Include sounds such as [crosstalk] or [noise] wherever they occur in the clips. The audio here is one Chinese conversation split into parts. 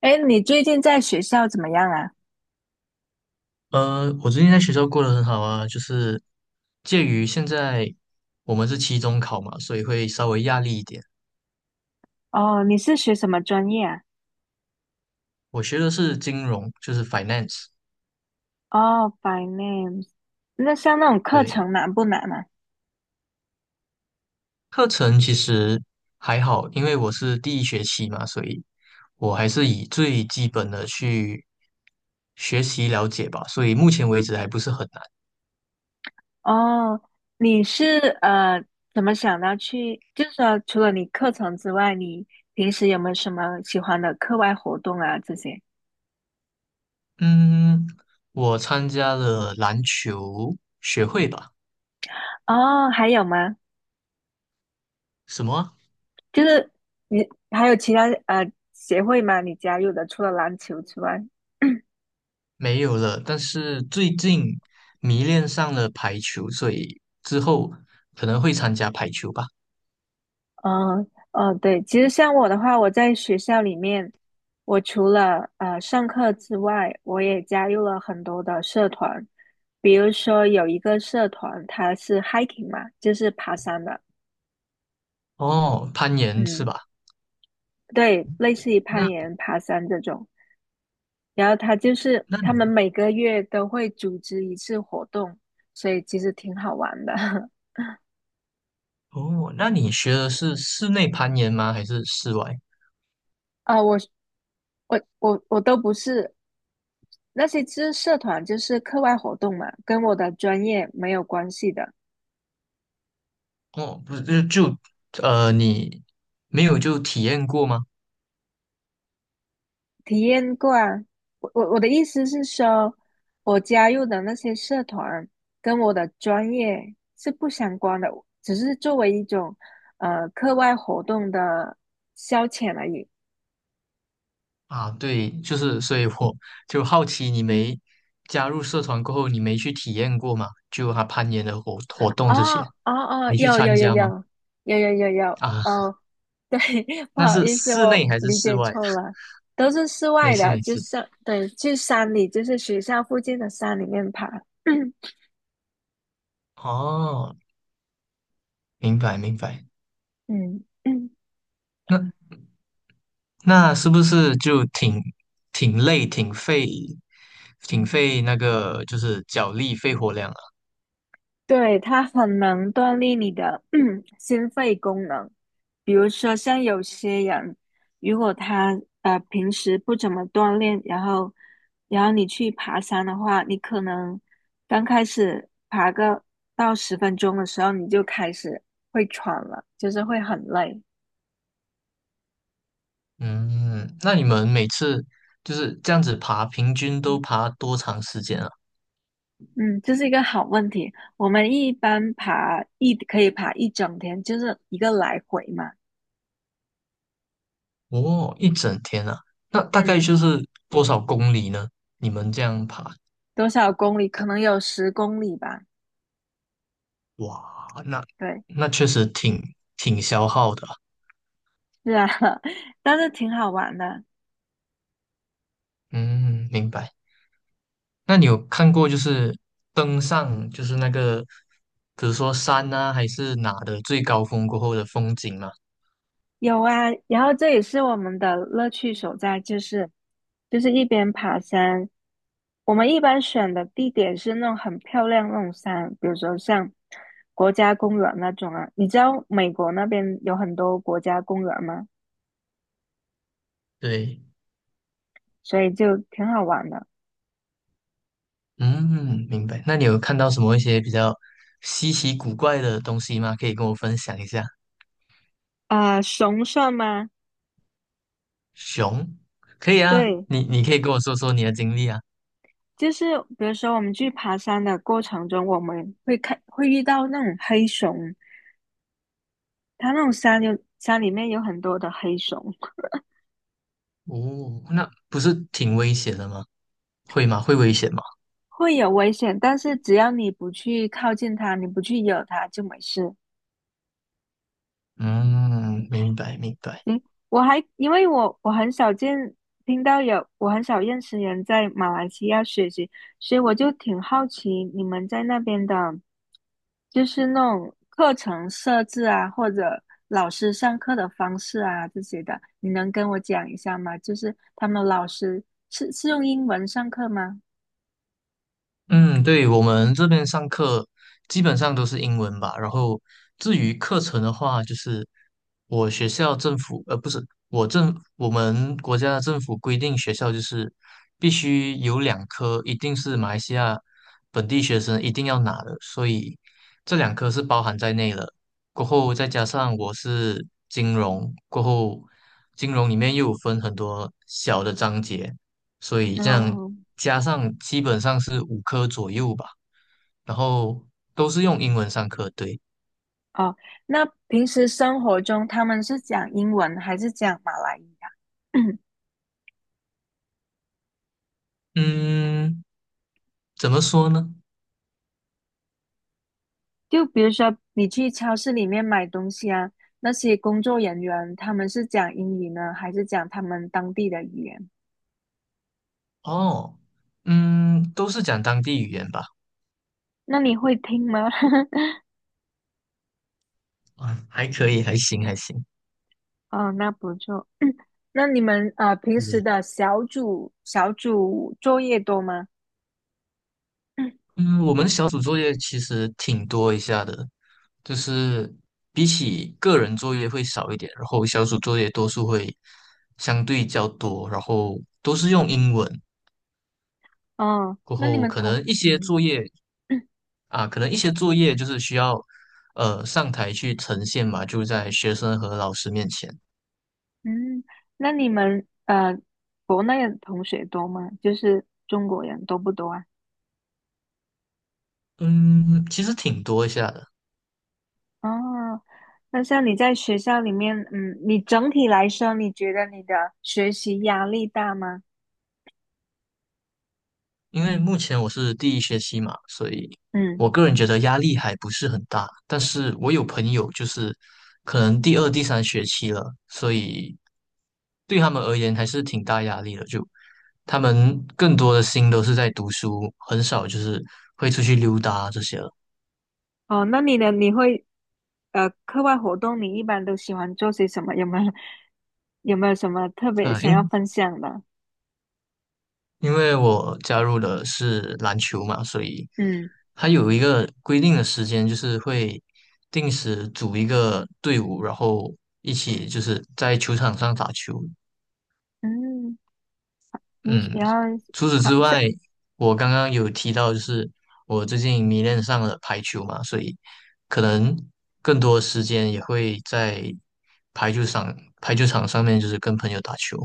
哎，你最近在学校怎么样啊？我最近在学校过得很好啊，就是介于现在我们是期中考嘛，所以会稍微压力一点。哦，你是学什么专业啊？我学的是金融，就是 finance，哦，by n a m e 那像那种课对，程难不难啊？课程其实还好，因为我是第一学期嘛，所以我还是以最基本的去学习了解吧，所以目前为止还不是很难。哦，你是怎么想到去？就是说，除了你课程之外，你平时有没有什么喜欢的课外活动啊？这些？嗯，我参加了篮球学会吧，哦，还有吗？什么啊就是你还有其他协会吗？你加入的除了篮球之外？没有了，但是最近迷恋上了排球，所以之后可能会参加排球吧。嗯，哦，对，其实像我的话，我在学校里面，我除了上课之外，我也加入了很多的社团，比如说有一个社团，它是 hiking 嘛，就是爬山的，哦，攀岩是嗯，吧？对，类似于攀那岩、爬山这种。然后它就是那他你们每个月都会组织一次活动，所以其实挺好玩的。[laughs] 哦，那你学的是室内攀岩吗？还是室外？啊、我都不是那些知社团就是课外活动嘛，跟我的专业没有关系的。哦，不是，就你没有就体验过吗？体验过啊，我的意思是说，我加入的那些社团跟我的专业是不相关的，只是作为一种课外活动的消遣而已。啊，对，就是所以我就好奇，你没加入社团过后，你没去体验过吗？就他攀岩的活动这哦些，哦，没去有参有有加有吗？有有有有啊，哦，对，[laughs] 不那好是意思，室内我还是理室解外？错了，都是室没外事的，没就事。是对，去山里，就是学校附近的山里面爬。[clears throat] 哦，明白明白。嗯嗯，那那是不是就挺累、挺费那个就是脚力、肺活量啊？对，它很能锻炼你的 [clears throat] 心肺功能。比如说，像有些人，如果他平时不怎么锻炼，然后你去爬山的话，你可能刚开始到10分钟的时候，你就开始会喘了，就是会很累。嗯，那你们每次就是这样子爬，平均都爬多长时间啊？嗯，这是一个好问题。我们一般可以爬一整天，就是一个来回嘛。哦，一整天啊。那大概嗯，就是多少公里呢？你们这样爬，多少公里？可能有10公里吧。哇，那对，那确实挺消耗的啊。是啊，[laughs] 但是挺好玩的。嗯，明白。那你有看过就是登上就是那个，比如说山啊，还是哪的最高峰过后的风景吗？有啊，然后这也是我们的乐趣所在，就是一边爬山，我们一般选的地点是那种很漂亮那种山，比如说像国家公园那种啊。你知道美国那边有很多国家公园吗？对，所以就挺好玩的。嗯，明白。那你有看到什么一些比较稀奇古怪的东西吗？可以跟我分享一下。啊，熊算吗？熊，可以啊，对，你可以跟我说说你的经历啊。就是比如说我们去爬山的过程中，我们会看会遇到那种黑熊，它那种山有山里面有很多的黑熊，哦，那不是挺危险的吗？会吗？会危险吗？会有危险，但是只要你不去靠近它，你不去惹它就没事。嗯，明白明白。行，我还因为我很少听到有我很少认识人在马来西亚学习，所以我就挺好奇你们在那边的，就是那种课程设置啊，或者老师上课的方式啊这些的，你能跟我讲一下吗？就是他们老师是用英文上课吗？嗯，对，我们这边上课基本上都是英文吧。然后至于课程的话，就是我学校政府，不是我们国家的政府规定学校就是必须有两科，一定是马来西亚本地学生一定要拿的，所以这两科是包含在内了。过后再加上我是金融，过后金融里面又有分很多小的章节，所以这样哦加上基本上是五科左右吧，然后都是用英文上课，对，哦，那平时生活中他们是讲英文还是讲马来语啊？[clears throat] 嗯，怎么说呢？就比如说你去超市里面买东西啊，那些工作人员他们是讲英语呢，还是讲他们当地的语言？哦，嗯，都是讲当地语言吧，那你会听吗？啊，还可以，还行，还行。[laughs] 哦，那不错。那你们平时嗯的小组作业多吗？嗯，我们小组作业其实挺多一下的，就是比起个人作业会少一点，然后小组作业多数会相对较多，然后都是用英文。哦，过那你后们可同能一些作嗯业啊，可能一些作业就是需要上台去呈现嘛，就在学生和老师面前。嗯，那你们国内的同学多吗？就是中国人多不多啊？嗯，其实挺多一下的，哦，那像你在学校里面，嗯，你整体来说，你觉得你的学习压力大吗？因为目前我是第一学期嘛，所以嗯，我个人觉得压力还不是很大。但是我有朋友就是可能第二、第三学期了，所以对他们而言还是挺大压力的。就他们更多的心都是在读书，很少就是会出去溜达这些了。哦，那你呢？你会，呃，课外活动你一般都喜欢做些什么？有没有有没有什么特别啊，想要因分享的？因为我加入的是篮球嘛，所以嗯它有一个规定的时间，就是会定时组一个队伍，然后一起就是在球场上打球。嗯，你喜嗯，然后除此爬之外，我刚刚有提到，就是我最近迷恋上了排球嘛，所以可能更多时间也会在排球场排球场上面，就是跟朋友打球。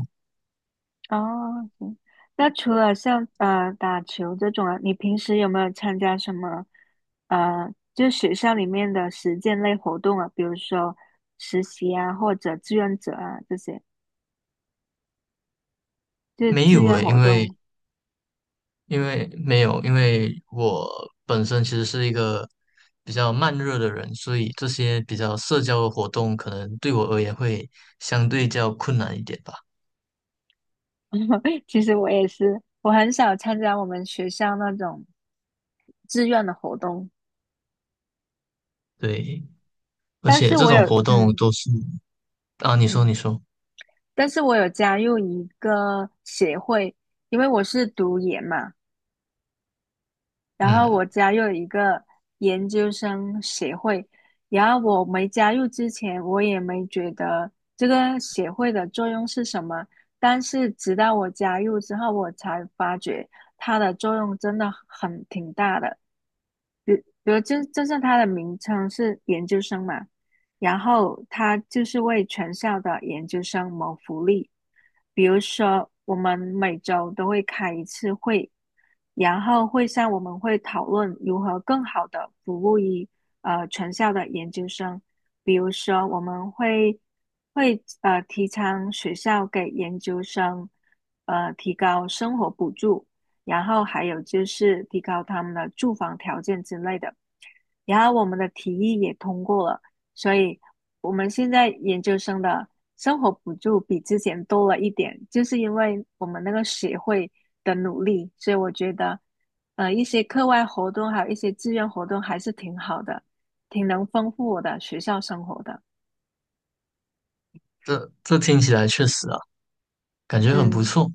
哦，行。那除了像打球这种啊，你平时有没有参加什么呃，就学校里面的实践类活动啊，比如说实习啊，或者志愿者啊这些，就是没志有愿诶，因活为动。因为没有，因为我本身其实是一个比较慢热的人，所以这些比较社交的活动可能对我而言会相对较困难一点吧。[laughs] 其实我也是，我很少参加我们学校那种志愿的活动，对，而但且是这我有种活动都是啊，你说嗯，你说，但是我有加入一个协会，因为我是读研嘛。然后我嗯，加入了一个研究生协会，然后我没加入之前，我也没觉得这个协会的作用是什么，但是直到我加入之后，我才发觉它的作用真的很挺大的。比如就是他的名称是研究生嘛，然后他就是为全校的研究生谋福利。比如说，我们每周都会开一次会，然后会上我们会讨论如何更好的服务于全校的研究生。比如说，我们会会提倡学校给研究生提高生活补助，然后还有就是提高他们的住房条件之类的。然后我们的提议也通过了，所以我们现在研究生的生活补助比之前多了一点，就是因为我们那个协会的努力，所以我觉得，一些课外活动还有一些志愿活动还是挺好的，挺能丰富我的学校生活的。这听起来确实啊，感觉很不嗯，错。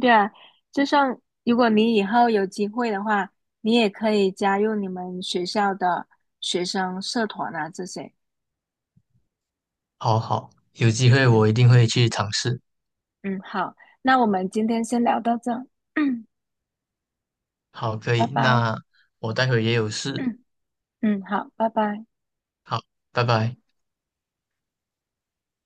对啊，就像如果你以后有机会的话，你也可以加入你们学校的学生社团啊这些。好好，有机会我嗯。一定会去尝试。嗯，好，那我们今天先聊到这儿 [clears throat] 好，可拜以，拜，那我待会也有事。[clears throat] 嗯，好，拜拜。好，拜拜。